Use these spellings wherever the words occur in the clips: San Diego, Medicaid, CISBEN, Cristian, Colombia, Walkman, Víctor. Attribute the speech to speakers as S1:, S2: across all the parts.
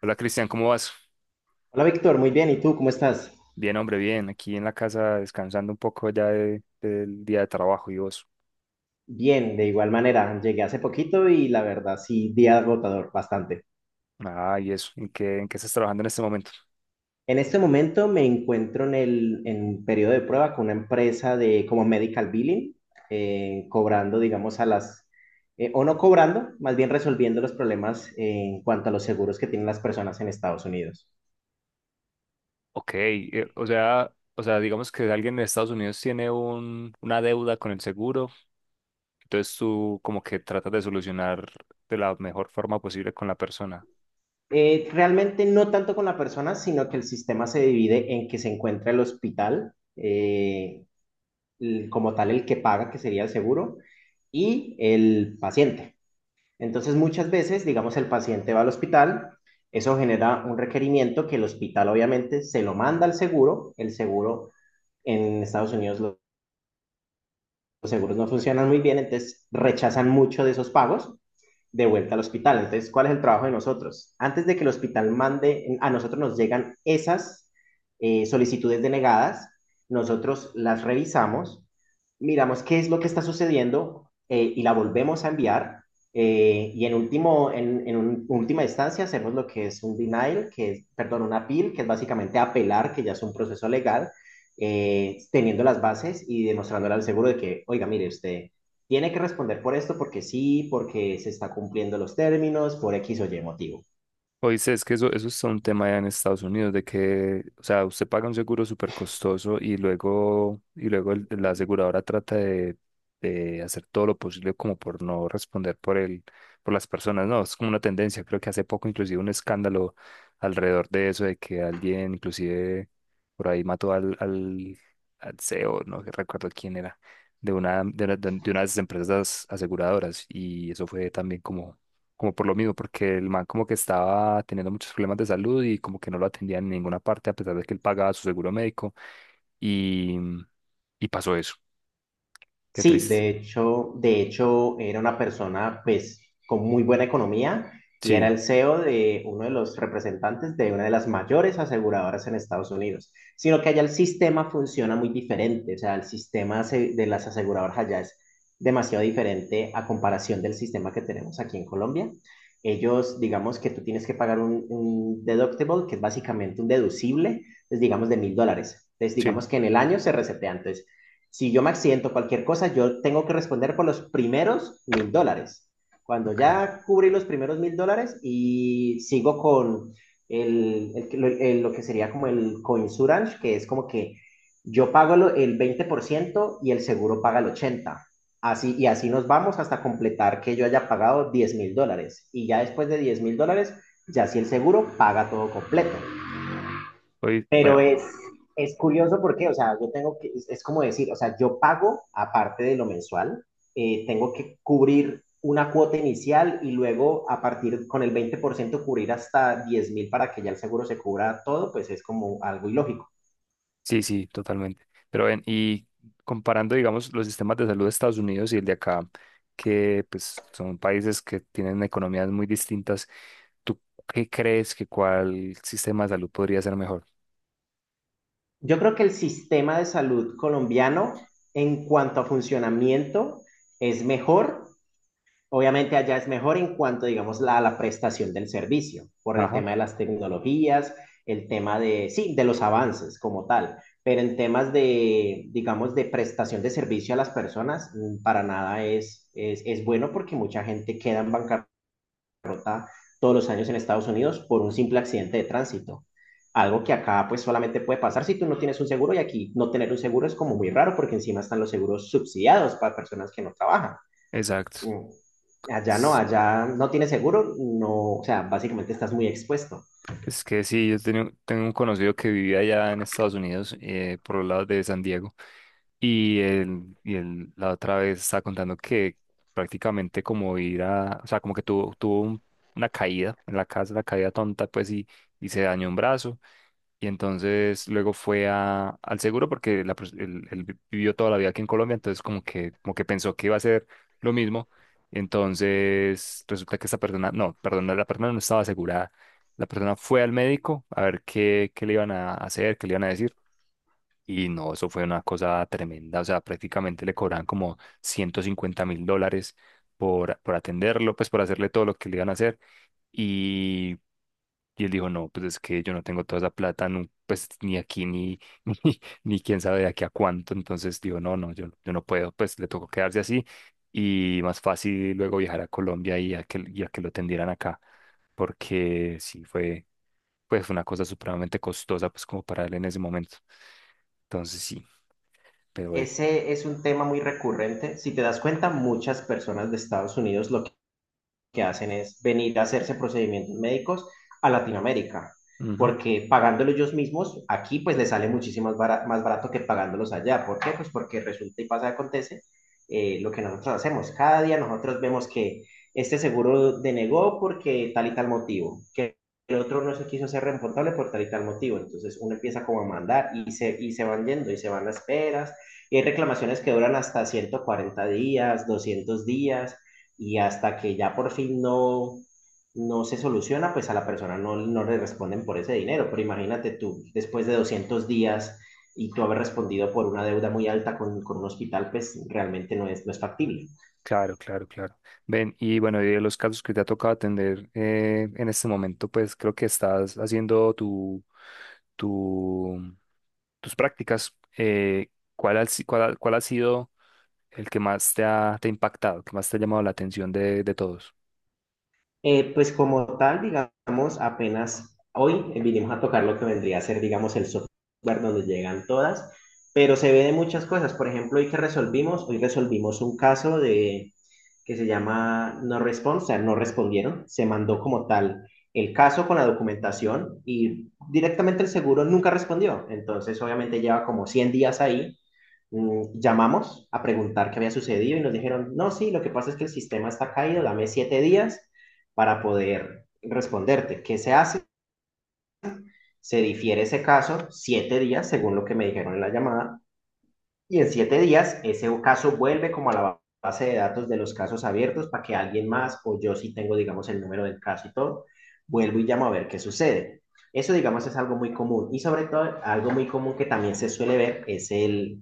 S1: Hola, Cristian, ¿cómo vas?
S2: Hola Víctor, muy bien. ¿Y tú cómo estás?
S1: Bien, hombre, bien. Aquí en la casa descansando un poco ya del día de trabajo, ¿y vos?
S2: Bien, de igual manera. Llegué hace poquito y la verdad sí, día agotador, bastante.
S1: Ah, ¿y eso? ¿En qué estás trabajando en este momento?
S2: En este momento me encuentro en periodo de prueba con una empresa de como medical billing, cobrando, digamos, o no cobrando, más bien resolviendo los problemas en cuanto a los seguros que tienen las personas en Estados Unidos.
S1: Ok, o sea, digamos que alguien en Estados Unidos tiene una deuda con el seguro, entonces tú como que tratas de solucionar de la mejor forma posible con la persona.
S2: Realmente no tanto con la persona, sino que el sistema se divide en que se encuentra el hospital, como tal el que paga, que sería el seguro, y el paciente. Entonces, muchas veces, digamos, el paciente va al hospital, eso genera un requerimiento que el hospital obviamente se lo manda al seguro, el seguro en Estados Unidos lo- los seguros no funcionan muy bien, entonces rechazan mucho de esos pagos de vuelta al hospital. Entonces, ¿cuál es el trabajo de nosotros? Antes de que el hospital mande, a nosotros nos llegan esas solicitudes denegadas, nosotros las revisamos, miramos qué es lo que está sucediendo, y la volvemos a enviar. En última instancia hacemos lo que es un denial, que es, perdón, un appeal, que es básicamente apelar, que ya es un proceso legal, teniendo las bases y demostrándole al seguro de que, oiga, mire, usted tiene que responder por esto, porque sí, porque se está cumpliendo los términos, por X o Y motivo.
S1: Oíste, es que eso es un tema allá en Estados Unidos, de que, o sea, usted paga un seguro súper costoso y luego, la aseguradora trata de hacer todo lo posible como por no responder por por las personas. No, es como una tendencia. Creo que hace poco inclusive un escándalo alrededor de eso, de que alguien inclusive por ahí mató al CEO, no recuerdo quién era, de de una de las empresas aseguradoras. Y eso fue también como por lo mismo, porque el man como que estaba teniendo muchos problemas de salud y como que no lo atendían en ninguna parte, a pesar de que él pagaba su seguro médico. Y, y pasó eso. Qué
S2: Sí,
S1: triste.
S2: de hecho era una persona pues con muy buena economía y era
S1: Sí,
S2: el CEO de uno de los representantes de una de las mayores aseguradoras en Estados Unidos. Sino que allá el sistema funciona muy diferente, o sea, de las aseguradoras allá es demasiado diferente a comparación del sistema que tenemos aquí en Colombia. Ellos, digamos que tú tienes que pagar un deductible, que es básicamente un deducible, pues digamos de $1000. Entonces,
S1: sí,
S2: digamos que en el año se resetea. Si yo me accidento cualquier cosa, yo tengo que responder por los primeros $1000. Cuando
S1: ok.
S2: ya cubrí los primeros $1000 y sigo con lo que sería como el coinsurance, que es como que yo pago el 20% y el seguro paga el 80%. Así, y así nos vamos hasta completar que yo haya pagado $10000. Y ya después de $10000, ya si el seguro paga todo completo.
S1: Hoy,
S2: Pero
S1: bueno,
S2: es curioso porque, o sea, yo tengo que, es como decir, o sea, yo pago, aparte de lo mensual, tengo que cubrir una cuota inicial y luego a partir con el 20% cubrir hasta 10000 para que ya el seguro se cubra todo, pues es como algo ilógico.
S1: sí, sí, totalmente. Pero ven, y comparando, digamos, los sistemas de salud de Estados Unidos y el de acá, que pues son países que tienen economías muy distintas, ¿tú qué crees que cuál sistema de salud podría ser mejor?
S2: Yo creo que el sistema de salud colombiano en cuanto a funcionamiento es mejor. Obviamente allá es mejor en cuanto, digamos, a la prestación del servicio, por el
S1: Ajá,
S2: tema de las tecnologías, el tema de, sí, de los avances como tal, pero en temas de, digamos, de prestación de servicio a las personas, mm, para nada es bueno porque mucha gente queda en bancarrota todos los años en Estados Unidos por un simple accidente de tránsito. Algo que acá pues solamente puede pasar si tú no tienes un seguro y aquí no tener un seguro es como muy raro porque encima están los seguros subsidiados para personas que no trabajan.
S1: exacto.
S2: Mm. Allá no tienes seguro, no, o sea, básicamente estás muy expuesto.
S1: Es que sí, yo tengo un conocido que vivía allá en Estados Unidos, por los lados de San Diego, y él la otra vez estaba contando que prácticamente como ir a, o sea, como que tuvo una caída en la casa, una caída tonta, pues, y se dañó un brazo, y entonces luego fue a, al seguro porque él, vivió toda la vida aquí en Colombia, entonces como que pensó que iba a ser lo mismo. Entonces resulta que esta persona, no, perdón, la persona no estaba asegurada. La persona fue al médico a ver qué, qué le iban a hacer, qué le iban a decir. Y no, eso fue una cosa tremenda. O sea, prácticamente le cobraban como $150,000 por atenderlo, pues por hacerle todo lo que le iban a hacer. Y él dijo, no, pues es que yo no tengo toda esa plata, nu- pues ni aquí, ni, ni, ni quién sabe de aquí a cuánto. Entonces dijo no, no, yo no puedo, pues le tocó quedarse así y más fácil luego viajar a Colombia y a que lo tendieran acá, porque sí fue, pues fue una cosa supremamente costosa, pues como para él en ese momento. Entonces sí, pero
S2: Ese es un tema muy recurrente. Si te das cuenta, muchas personas de Estados Unidos lo que hacen es venir a hacerse procedimientos médicos a Latinoamérica,
S1: bueno.
S2: porque pagándolo ellos mismos, aquí pues les sale más barato que pagándolos allá. ¿Por qué? Pues porque resulta y pasa, acontece lo que nosotros hacemos. Cada día nosotros vemos que este seguro denegó porque tal y tal motivo, que el otro no se quiso ser responsable por tal y tal motivo. Entonces uno empieza como a mandar y se van yendo y se van las esperas. Y hay reclamaciones que duran hasta 140 días, 200 días y hasta que ya por fin no, no se soluciona, pues a la persona no, no le responden por ese dinero. Pero imagínate tú, después de 200 días y tú haber respondido por una deuda muy alta con un hospital, pues realmente no es, no es factible.
S1: Claro, claro, claro. Ven, y bueno, y de los casos que te ha tocado atender en este momento, pues creo que estás haciendo tu, tus prácticas. ¿Cuál ha, si- cuál ha sido el que más te ha impactado, que más te ha llamado la atención de todos?
S2: Pues como tal, digamos, apenas hoy vinimos a tocar lo que vendría a ser, digamos, el software donde llegan todas, pero se ve de muchas cosas. Por ejemplo, hoy resolvimos un caso de que se llama no response, o sea, no respondieron, se mandó como tal el caso con la documentación y directamente el seguro nunca respondió. Entonces, obviamente lleva como 100 días ahí. Mm, llamamos a preguntar qué había sucedido y nos dijeron, no, sí, lo que pasa es que el sistema está caído, dame 7 días para poder responderte. ¿Qué se hace? Se difiere ese caso 7 días, según lo que me dijeron en la llamada, y en 7 días ese caso vuelve como a la base de datos de los casos abiertos para que alguien más o yo sí tengo, digamos, el número del caso y todo, vuelvo y llamo a ver qué sucede. Eso, digamos, es algo muy común. Y sobre todo, algo muy común que también se suele ver es el,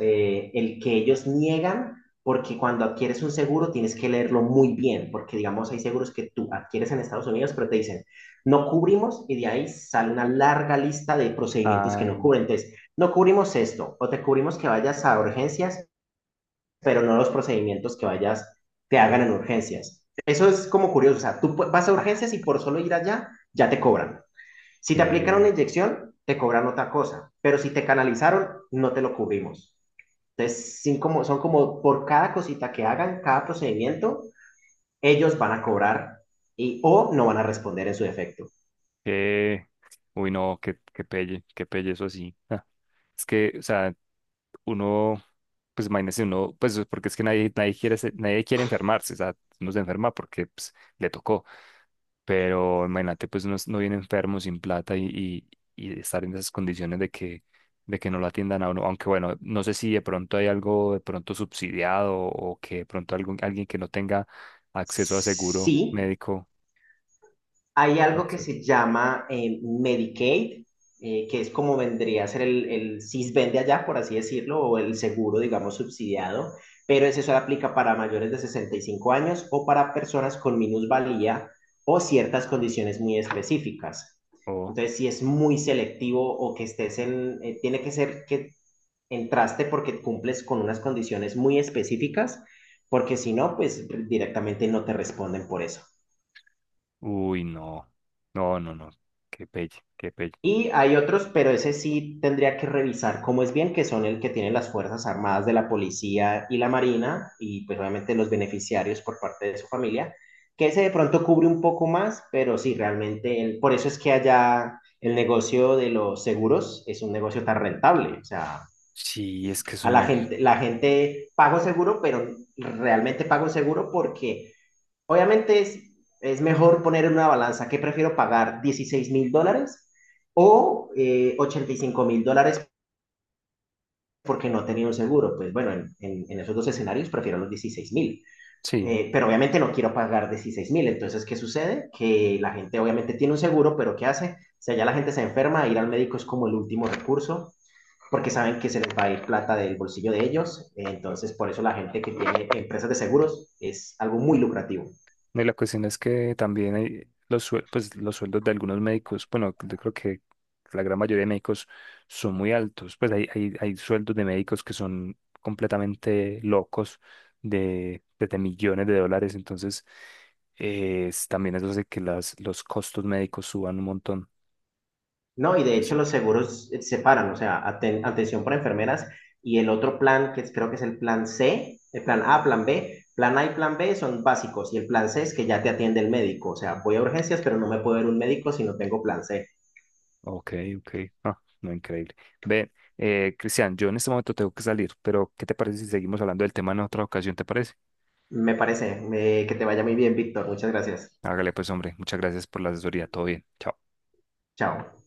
S2: eh, el que ellos niegan porque cuando adquieres un seguro tienes que leerlo muy bien, porque digamos hay seguros que tú adquieres en Estados Unidos, pero te dicen, no cubrimos y de ahí sale una larga lista de procedimientos que
S1: Ah,
S2: no cubren. Entonces, no cubrimos esto, o te cubrimos que vayas a urgencias, pero no los procedimientos que vayas te hagan en urgencias. Eso es como curioso, o sea, tú vas a urgencias y por solo ir allá ya te cobran. Si te aplican una
S1: que,
S2: inyección, te cobran otra cosa, pero si te canalizaron, no te lo cubrimos. Entonces, sin como, son como por cada cosita que hagan, cada procedimiento, ellos van a cobrar y o no van a responder en su defecto.
S1: que, uy, no, que pelle, eso sí. Ah, es que, o sea, uno, pues imagínese uno, pues porque es que nadie, nadie quiere, nadie quiere enfermarse, o sea, uno se enferma porque pues le tocó, pero imagínate, pues uno no viene enfermo sin plata y, y estar en esas condiciones de que no lo atiendan a uno, aunque bueno, no sé si de pronto hay algo de pronto subsidiado o que de pronto algún, alguien que no tenga acceso a seguro
S2: Sí,
S1: médico.
S2: hay algo que se
S1: Exacto.
S2: llama, Medicaid, que es como vendría a ser el CISBEN de allá, por así decirlo, o el seguro, digamos, subsidiado, pero ese solo aplica para mayores de 65 años o para personas con minusvalía o ciertas condiciones muy específicas.
S1: O,
S2: Entonces, si es muy selectivo o que estés en, tiene que ser que entraste porque cumples con unas condiciones muy específicas, porque si no, pues directamente no te responden por eso.
S1: uy, no, qué pelle, qué pelle.
S2: Y hay otros, pero ese sí tendría que revisar cómo es bien, que son el que tienen las Fuerzas Armadas de la Policía y la Marina, y pues obviamente los beneficiarios por parte de su familia, que ese de pronto cubre un poco más, pero sí, realmente, por eso es que allá el negocio de los seguros es un negocio tan rentable, o sea,
S1: Sí, es que son,
S2: la gente paga un seguro, pero realmente paga un seguro porque obviamente es mejor poner en una balanza que prefiero pagar $16000 o $85000 porque no tenía un seguro. Pues bueno, en esos dos escenarios prefiero los 16000.
S1: sí.
S2: Pero obviamente no quiero pagar 16000. Entonces, ¿qué sucede? Que la gente obviamente tiene un seguro, pero ¿qué hace? Si allá la gente se enferma, ir al médico es como el último recurso porque saben que se les va a ir plata del bolsillo de ellos. Entonces, por eso la gente que tiene empresas de seguros es algo muy lucrativo.
S1: No, y la cuestión es que también hay los, pues, los sueldos de algunos médicos, bueno, yo creo que la gran mayoría de médicos son muy altos, pues hay, hay sueldos de médicos que son completamente locos de, pues, de millones de dólares, entonces también eso hace que los costos médicos suban un montón.
S2: No, y de hecho
S1: Entonces,
S2: los
S1: sí,
S2: seguros, separan, o sea, aten- atención para enfermeras y el otro plan, creo que es el plan C, el plan A, plan B, plan A y plan B son básicos y el plan C es que ya te atiende el médico, o sea, voy a urgencias, pero no me puedo ver un médico si no tengo plan C.
S1: ok, ok, ah, no, increíble. Ve, Cristian, yo en este momento tengo que salir, pero ¿qué te parece si seguimos hablando del tema en otra ocasión? ¿Te parece?
S2: Me parece, que te vaya muy bien, Víctor, muchas gracias.
S1: Hágale pues, hombre. Muchas gracias por la asesoría. Todo bien. Chao.
S2: Chao.